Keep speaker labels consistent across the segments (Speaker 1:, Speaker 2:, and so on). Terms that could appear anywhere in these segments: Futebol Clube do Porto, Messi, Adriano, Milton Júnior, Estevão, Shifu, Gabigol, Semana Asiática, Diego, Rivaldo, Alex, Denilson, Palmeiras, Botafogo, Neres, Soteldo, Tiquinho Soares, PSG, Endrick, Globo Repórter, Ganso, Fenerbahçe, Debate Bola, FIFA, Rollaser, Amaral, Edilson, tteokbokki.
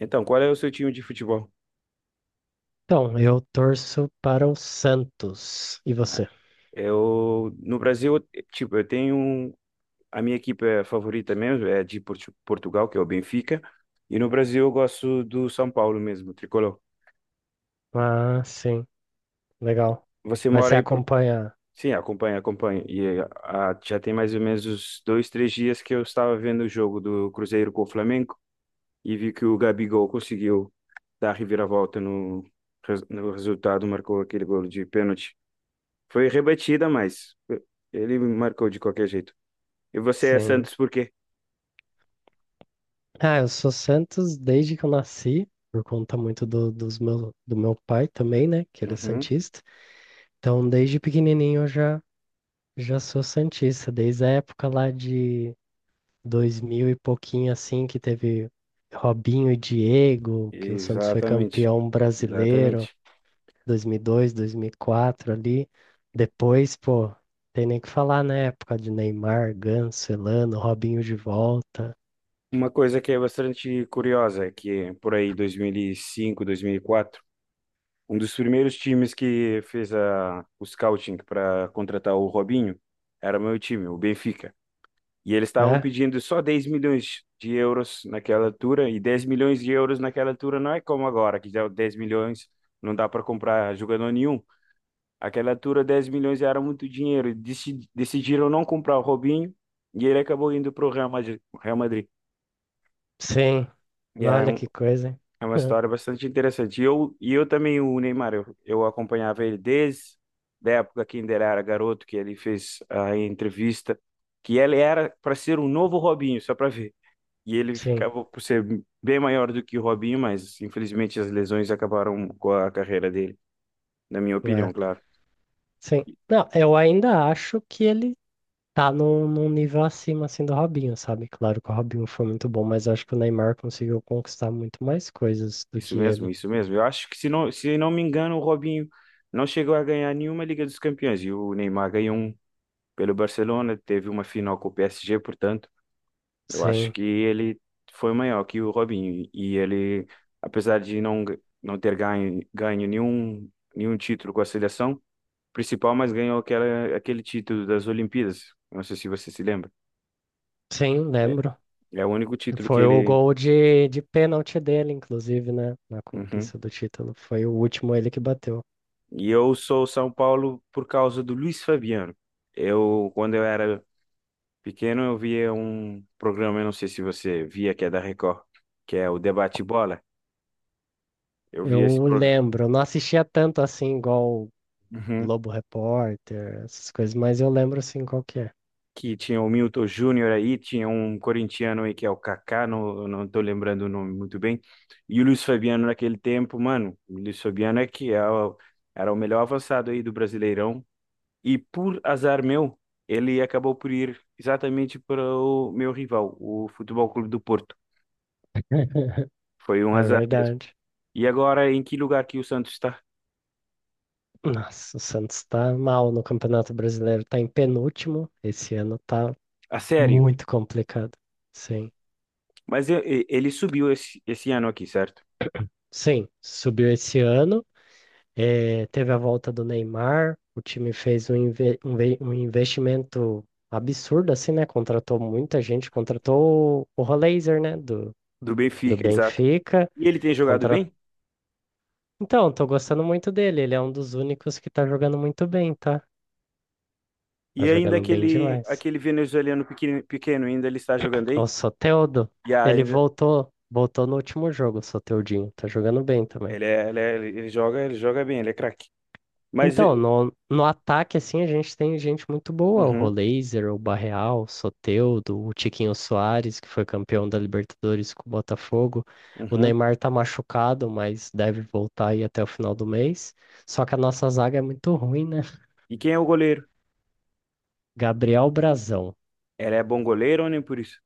Speaker 1: Então, qual é o seu time de futebol?
Speaker 2: Então, eu torço para o Santos. E
Speaker 1: Ah,
Speaker 2: você?
Speaker 1: eu, no Brasil, eu tenho um, a minha equipe é favorita mesmo, é de Portugal, que é o Benfica, e no Brasil eu gosto do São Paulo mesmo, tricolor.
Speaker 2: Ah, sim, legal.
Speaker 1: Você
Speaker 2: Mas
Speaker 1: mora
Speaker 2: você
Speaker 1: aí por...
Speaker 2: acompanha?
Speaker 1: Sim, acompanha. E já tem mais ou menos uns dois, três dias que eu estava vendo o jogo do Cruzeiro com o Flamengo e vi que o Gabigol conseguiu dar a reviravolta no resultado, marcou aquele gol de pênalti. Foi rebatida, mas ele marcou de qualquer jeito. E você é
Speaker 2: Sim.
Speaker 1: Santos por quê?
Speaker 2: Ah, eu sou Santos desde que eu nasci, por conta muito do meu pai também, né? Que ele é
Speaker 1: Uhum,
Speaker 2: santista. Então, desde pequenininho eu já sou santista. Desde a época lá de 2000 e pouquinho, assim, que teve Robinho e Diego, que o Santos foi
Speaker 1: exatamente,
Speaker 2: campeão brasileiro.
Speaker 1: exatamente.
Speaker 2: 2002, 2004 ali. Depois, pô, tem nem o que falar, né? Época de Neymar, Ganso, Elano, Robinho de volta,
Speaker 1: Uma coisa que é bastante curiosa, é que por aí 2005, 2004, um dos primeiros times que fez o scouting para contratar o Robinho era meu time, o Benfica. E eles estavam
Speaker 2: né?
Speaker 1: pedindo só 10 milhões de euros naquela altura, e 10 milhões de euros naquela altura não é como agora, que já 10 milhões não dá para comprar jogador nenhum. Aquela altura, 10 milhões era muito dinheiro. Decidiram não comprar o Robinho e ele acabou indo para o Real Madrid. Real Madrid.
Speaker 2: Sim,
Speaker 1: E é,
Speaker 2: olha que coisa, hein?
Speaker 1: é uma história bastante interessante. E eu também, o Neymar, eu acompanhava ele desde da época que ainda era garoto, que ele fez a entrevista, que ele era para ser um novo Robinho, só para ver. E ele
Speaker 2: Sim,
Speaker 1: ficava por ser bem maior do que o Robinho, mas infelizmente as lesões acabaram com a carreira dele, na minha opinião,
Speaker 2: né?
Speaker 1: claro.
Speaker 2: Sim. Não, eu ainda acho que ele tá num nível acima, assim, do Robinho, sabe? Claro que o Robinho foi muito bom, mas acho que o Neymar conseguiu conquistar muito mais coisas do
Speaker 1: Isso
Speaker 2: que ele.
Speaker 1: mesmo, isso mesmo. Eu acho que, se não me engano, o Robinho não chegou a ganhar nenhuma Liga dos Campeões. E o Neymar ganhou um pelo Barcelona, teve uma final com o PSG, portanto, eu acho
Speaker 2: Sim,
Speaker 1: que ele foi maior que o Robinho. E ele, apesar de não ter nenhum título com a seleção principal, mas ganhou aquela, aquele título das Olimpíadas. Não sei se você se lembra.
Speaker 2: sim,
Speaker 1: É,
Speaker 2: lembro.
Speaker 1: é o único título que
Speaker 2: Foi o
Speaker 1: ele.
Speaker 2: gol de pênalti dele, inclusive, né? Na
Speaker 1: Uhum.
Speaker 2: conquista do título. Foi o último ele que bateu.
Speaker 1: E eu sou São Paulo por causa do Luiz Fabiano. Eu, quando eu era pequeno, eu via um programa, eu não sei se você via, que é da Record, que é o Debate Bola. Eu via esse
Speaker 2: Eu
Speaker 1: programa
Speaker 2: lembro, não assistia tanto assim, igual Globo Repórter, essas coisas, mas eu lembro assim qual que é.
Speaker 1: que tinha o Milton Júnior aí, tinha um corintiano aí que é o Kaká, não tô lembrando o nome muito bem. E o Luiz Fabiano naquele tempo, mano, o Luiz Fabiano é era o melhor avançado aí do Brasileirão. E por azar meu, ele acabou por ir exatamente para o meu rival, o Futebol Clube do Porto. Foi um
Speaker 2: É
Speaker 1: azar mesmo.
Speaker 2: verdade.
Speaker 1: E agora, em que lugar que o Santos está?
Speaker 2: Nossa, o Santos tá mal no Campeonato Brasileiro, tá em penúltimo. Esse ano tá
Speaker 1: A sério.
Speaker 2: muito complicado. Sim.
Speaker 1: Mas ele subiu esse ano aqui, certo?
Speaker 2: Sim, subiu esse ano. Eh, teve a volta do Neymar, o time fez um investimento absurdo, assim, né? Contratou muita gente, contratou o Rollaser, né? Do,
Speaker 1: Do
Speaker 2: do
Speaker 1: Benfica, exato.
Speaker 2: Benfica.
Speaker 1: E ele tem jogado
Speaker 2: Contra...
Speaker 1: bem?
Speaker 2: Então, tô gostando muito dele. Ele é um dos únicos que tá jogando muito bem, tá? Tá
Speaker 1: E ainda
Speaker 2: jogando bem
Speaker 1: aquele,
Speaker 2: demais.
Speaker 1: aquele venezuelano pequeno, pequeno, ainda ele está jogando
Speaker 2: O
Speaker 1: aí?
Speaker 2: Soteldo,
Speaker 1: E
Speaker 2: ele
Speaker 1: ainda,
Speaker 2: voltou no último jogo, o Soteldinho. Tá jogando bem também.
Speaker 1: ele joga bem, ele é craque. Mas,
Speaker 2: Então, no, no ataque, assim, a gente tem gente muito boa, o
Speaker 1: uhum,
Speaker 2: Rolazer, o Barreal, o Soteldo, o Tiquinho Soares, que foi campeão da Libertadores com o Botafogo. O
Speaker 1: uhum.
Speaker 2: Neymar tá machucado, mas deve voltar aí até o final do mês. Só que a nossa zaga é muito ruim, né?
Speaker 1: E quem é o goleiro?
Speaker 2: Gabriel Brazão,
Speaker 1: Ele é bom goleiro ou nem por isso?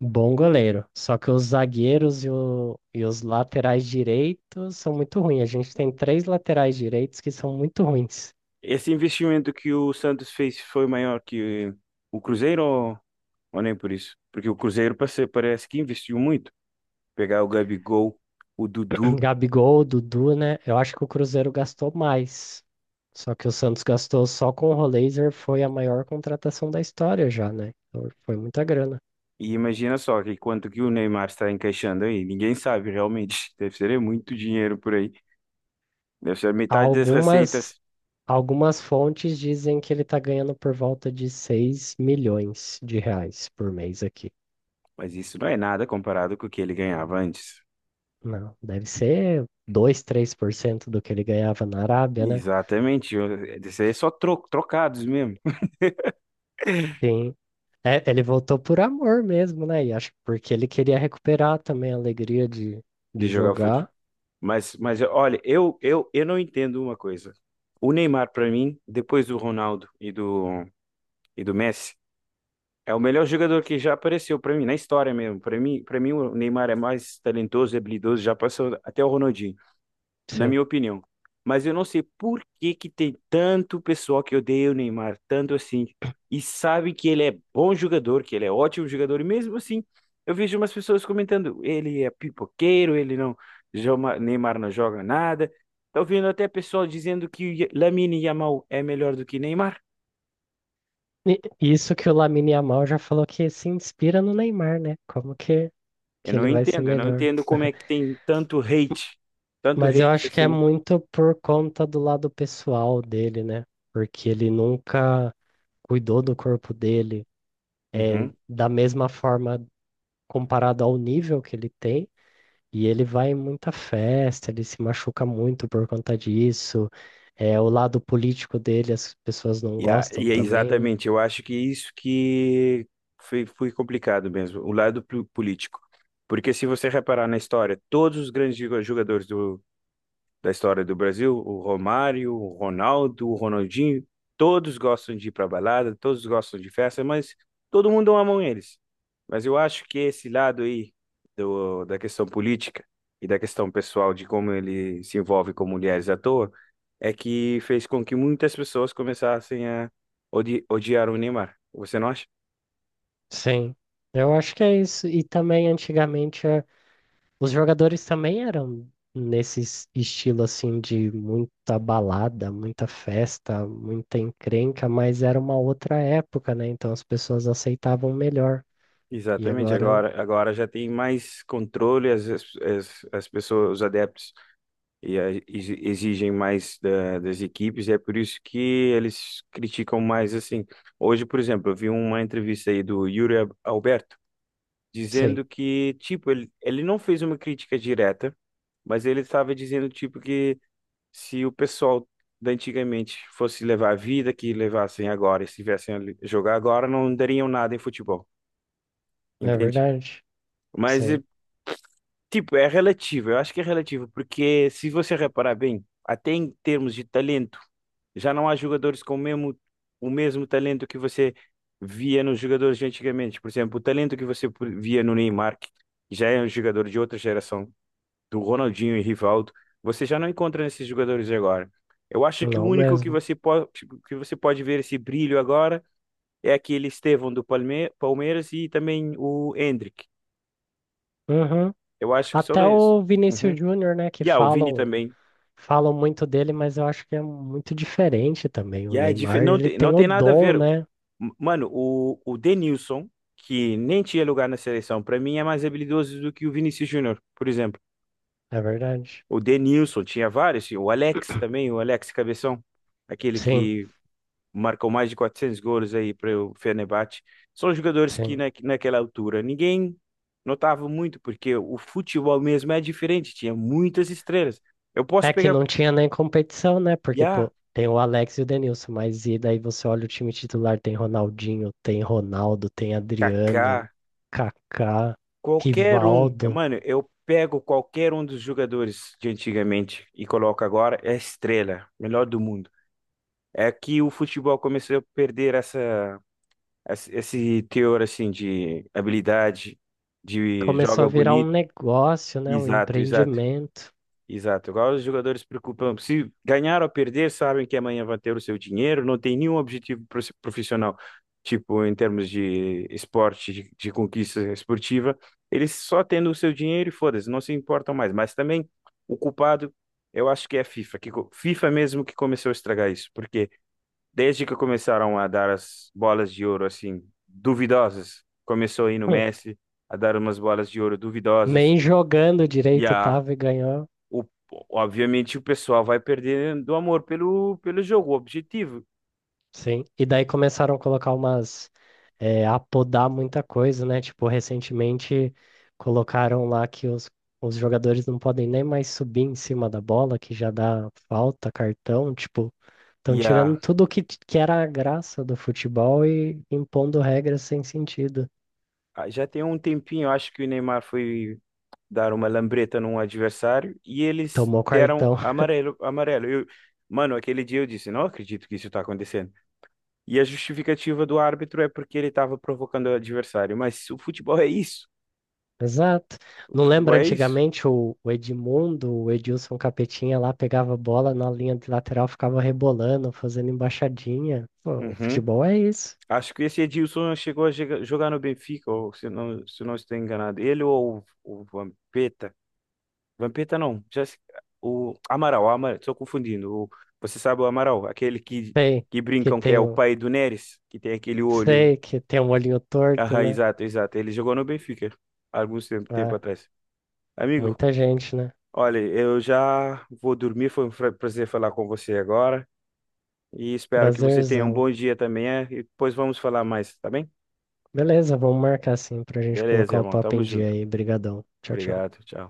Speaker 2: bom goleiro. Só que os zagueiros e, o- e os laterais direitos são muito ruins. A gente tem três laterais direitos que são muito ruins.
Speaker 1: Esse investimento que o Santos fez foi maior que o Cruzeiro ou nem por isso? Porque o Cruzeiro parece que investiu muito. Pegar o Gabigol, o Dudu,
Speaker 2: Gabigol, Dudu, né? Eu acho que o Cruzeiro gastou mais. Só que o Santos gastou só com o Rolaser, foi a maior contratação da história já, né? Então, foi muita grana.
Speaker 1: e imagina só que quanto que o Neymar está encaixando aí. Ninguém sabe realmente. Deve ser muito dinheiro por aí. Deve ser metade das
Speaker 2: Algumas,
Speaker 1: receitas.
Speaker 2: algumas fontes dizem que ele tá ganhando por volta de R$ 6 milhões por mês aqui.
Speaker 1: Mas isso não é nada comparado com o que ele ganhava antes.
Speaker 2: Não, deve ser dois, três por cento do que ele ganhava na Arábia, né?
Speaker 1: Exatamente. Isso aí é só trocados mesmo.
Speaker 2: Sim. É, ele voltou por amor mesmo, né? E acho que porque ele queria recuperar também a alegria
Speaker 1: De
Speaker 2: de
Speaker 1: jogar.
Speaker 2: jogar.
Speaker 1: Mas olha, eu não entendo uma coisa. O Neymar, pra mim, depois do Ronaldo e do Messi, é o melhor jogador que já apareceu pra mim, na história mesmo. Para mim, o Neymar é mais talentoso e habilidoso, já passou até o Ronaldinho na
Speaker 2: Sim.
Speaker 1: minha opinião. Mas eu não sei por que que tem tanto pessoal que odeia o Neymar, tanto assim, e sabe que ele é bom jogador, que ele é ótimo jogador, e mesmo assim, eu vejo umas pessoas comentando, ele é pipoqueiro, ele não, joma- Neymar não joga nada. Tô ouvindo até pessoal dizendo que o Lamine Yamal é melhor do que Neymar.
Speaker 2: Isso que o Lamine Yamal já falou que se inspira no Neymar, né? Como
Speaker 1: Eu
Speaker 2: que
Speaker 1: não
Speaker 2: ele vai ser
Speaker 1: entendo, eu não
Speaker 2: melhor?
Speaker 1: entendo como é que tem tanto
Speaker 2: Mas eu
Speaker 1: hate
Speaker 2: acho que é
Speaker 1: assim.
Speaker 2: muito por conta do lado pessoal dele, né? Porque ele nunca cuidou do corpo dele, é,
Speaker 1: Uhum.
Speaker 2: da mesma forma comparado ao nível que ele tem. E ele vai em muita festa, ele se machuca muito por conta disso. É, o lado político dele, as pessoas não
Speaker 1: E, a-
Speaker 2: gostam
Speaker 1: e é
Speaker 2: também, né?
Speaker 1: exatamente, eu acho que é isso que foi complicado mesmo, o político. Porque se você reparar na história, todos os grandes da história do Brasil, o Romário, o Ronaldo, o Ronaldinho, todos gostam de ir para balada, todos gostam de festa, mas todo mundo ama um eles. Mas eu acho que esse lado aí da questão política e da questão pessoal de como ele se envolve com mulheres à toa é que fez com que muitas pessoas começassem a odiar o Neymar. Você não acha?
Speaker 2: Sim, eu acho que é isso. E também antigamente. Os jogadores também eram nesse estilo assim de muita balada, muita festa, muita encrenca, mas era uma outra época, né? Então as pessoas aceitavam melhor. E
Speaker 1: Exatamente,
Speaker 2: agora,
Speaker 1: agora já tem mais controle, as pessoas, os adeptos e exigem mais das equipes, e é por isso que eles criticam mais assim. Hoje, por exemplo, eu vi uma entrevista aí do Yuri Alberto
Speaker 2: sim,
Speaker 1: dizendo que, tipo, ele não fez uma crítica direta, mas ele estava dizendo, tipo, que se o pessoal da antigamente fosse levar a vida que levassem agora, e se tivessem a jogar agora, não dariam nada em futebol,
Speaker 2: é
Speaker 1: entende?
Speaker 2: verdade.
Speaker 1: Mas
Speaker 2: Sim,
Speaker 1: tipo, é relativo, eu acho que é relativo, porque se você reparar bem, até em termos de talento, já não há jogadores com o mesmo talento que você via nos jogadores de antigamente. Por exemplo, o talento que você via no Neymar, que já é um jogador de outra geração, do Ronaldinho e Rivaldo, você já não encontra nesses jogadores agora. Eu acho que o
Speaker 2: não
Speaker 1: único
Speaker 2: mesmo.
Speaker 1: que você pode ver esse brilho agora é aquele Estevão do Palmeiras e também o Endrick.
Speaker 2: Uhum.
Speaker 1: Eu acho que só
Speaker 2: Até
Speaker 1: isso.
Speaker 2: o Vinícius
Speaker 1: Uhum.
Speaker 2: Júnior, né, que
Speaker 1: E o Vini
Speaker 2: falam,
Speaker 1: também.
Speaker 2: falam muito dele, mas eu acho que é muito diferente também. O
Speaker 1: E
Speaker 2: Neymar,
Speaker 1: não
Speaker 2: ele
Speaker 1: tem, não
Speaker 2: tem o
Speaker 1: tem nada a
Speaker 2: dom,
Speaker 1: ver.
Speaker 2: né?
Speaker 1: Mano, o Denilson, que nem tinha lugar na seleção, pra mim é mais habilidoso do que o Vinícius Júnior, por exemplo.
Speaker 2: É verdade.
Speaker 1: O Denilson tinha vários, o Alex também, o Alex Cabeção, aquele
Speaker 2: Sim,
Speaker 1: que marcou mais de 400 gols aí para o Fenerbahçe. São jogadores que
Speaker 2: sim.
Speaker 1: naquela altura ninguém notava muito, porque o futebol mesmo é diferente, tinha muitas estrelas. Eu posso
Speaker 2: É que
Speaker 1: pegar.
Speaker 2: não tinha nem competição, né?
Speaker 1: E
Speaker 2: Porque, pô, tem o Alex e o Denilson, mas e daí você olha o time titular, tem Ronaldinho, tem Ronaldo, tem Adriano,
Speaker 1: Kaká,
Speaker 2: Kaká,
Speaker 1: qualquer um. É,
Speaker 2: Rivaldo.
Speaker 1: mano, eu pego qualquer um dos jogadores de antigamente e coloco agora, é estrela, melhor do mundo. É que o futebol começou a perder esse teor assim de habilidade, de
Speaker 2: Começou a
Speaker 1: joga
Speaker 2: virar um
Speaker 1: bonito.
Speaker 2: negócio, né? Um
Speaker 1: Exato, exato.
Speaker 2: empreendimento.
Speaker 1: Exato, igual os jogadores se preocupam. Se ganhar ou perder, sabem que amanhã vão ter o seu dinheiro, não tem nenhum objetivo profissional, tipo em termos de esporte, de conquista esportiva. Eles só tendo o seu dinheiro e foda-se, não se importam mais. Mas também o culpado, eu acho que é a FIFA, FIFA mesmo que começou a estragar isso, porque desde que começaram a dar as bolas de ouro assim, duvidosas, começou aí no
Speaker 2: Hum,
Speaker 1: Messi a dar umas bolas de ouro duvidosas.
Speaker 2: Nem jogando
Speaker 1: E
Speaker 2: direito
Speaker 1: a
Speaker 2: tava e ganhou.
Speaker 1: o- Obviamente o pessoal vai perdendo o amor pelo jogo, o objetivo.
Speaker 2: Sim. E daí começaram a colocar umas. É, a podar muita coisa, né? Tipo, recentemente colocaram lá que os jogadores não podem nem mais subir em cima da bola, que já dá falta, cartão. Tipo, estão
Speaker 1: E
Speaker 2: tirando
Speaker 1: a,
Speaker 2: tudo que, que era a graça do futebol e impondo regras sem sentido.
Speaker 1: Já tem um tempinho, eu acho que o Neymar foi dar uma lambreta num adversário e eles
Speaker 2: Tomou
Speaker 1: deram
Speaker 2: cartão.
Speaker 1: amarelo. Eu, mano, aquele dia eu disse, não acredito que isso está acontecendo. E a justificativa do árbitro é porque ele estava provocando o adversário. Mas o futebol é isso.
Speaker 2: Exato.
Speaker 1: O
Speaker 2: Não
Speaker 1: futebol
Speaker 2: lembra
Speaker 1: é isso.
Speaker 2: antigamente o Edmundo, o Edilson Capetinha lá pegava a bola na linha de lateral, ficava rebolando, fazendo embaixadinha. Pô, o
Speaker 1: Uhum.
Speaker 2: futebol é isso.
Speaker 1: Acho que esse Edilson chegou a jogar no Benfica, ou se não estou enganado. Ele ou o Vampeta. Vampeta não. Já, se- O Amaral, Amaral, estou confundindo. Você sabe o Amaral,
Speaker 2: Sei
Speaker 1: que
Speaker 2: que
Speaker 1: brincam que é
Speaker 2: tem
Speaker 1: o
Speaker 2: o,
Speaker 1: pai do Neres, que tem aquele olho.
Speaker 2: sei que tem um olhinho torto,
Speaker 1: Ah,
Speaker 2: né?
Speaker 1: exato, exato. Ele jogou no Benfica há alguns tempo, tempo
Speaker 2: É,
Speaker 1: atrás. Amigo,
Speaker 2: muita gente, né?
Speaker 1: olha, eu já vou dormir. Foi um prazer falar com você agora. E espero que você tenha um
Speaker 2: Prazerzão.
Speaker 1: bom dia também. É? E depois vamos falar mais, tá bem?
Speaker 2: Beleza, vamos marcar assim pra gente
Speaker 1: Beleza,
Speaker 2: colocar o
Speaker 1: irmão.
Speaker 2: papo
Speaker 1: Tamo
Speaker 2: em dia
Speaker 1: junto.
Speaker 2: aí. Brigadão. Tchau, tchau.
Speaker 1: Obrigado. Tchau.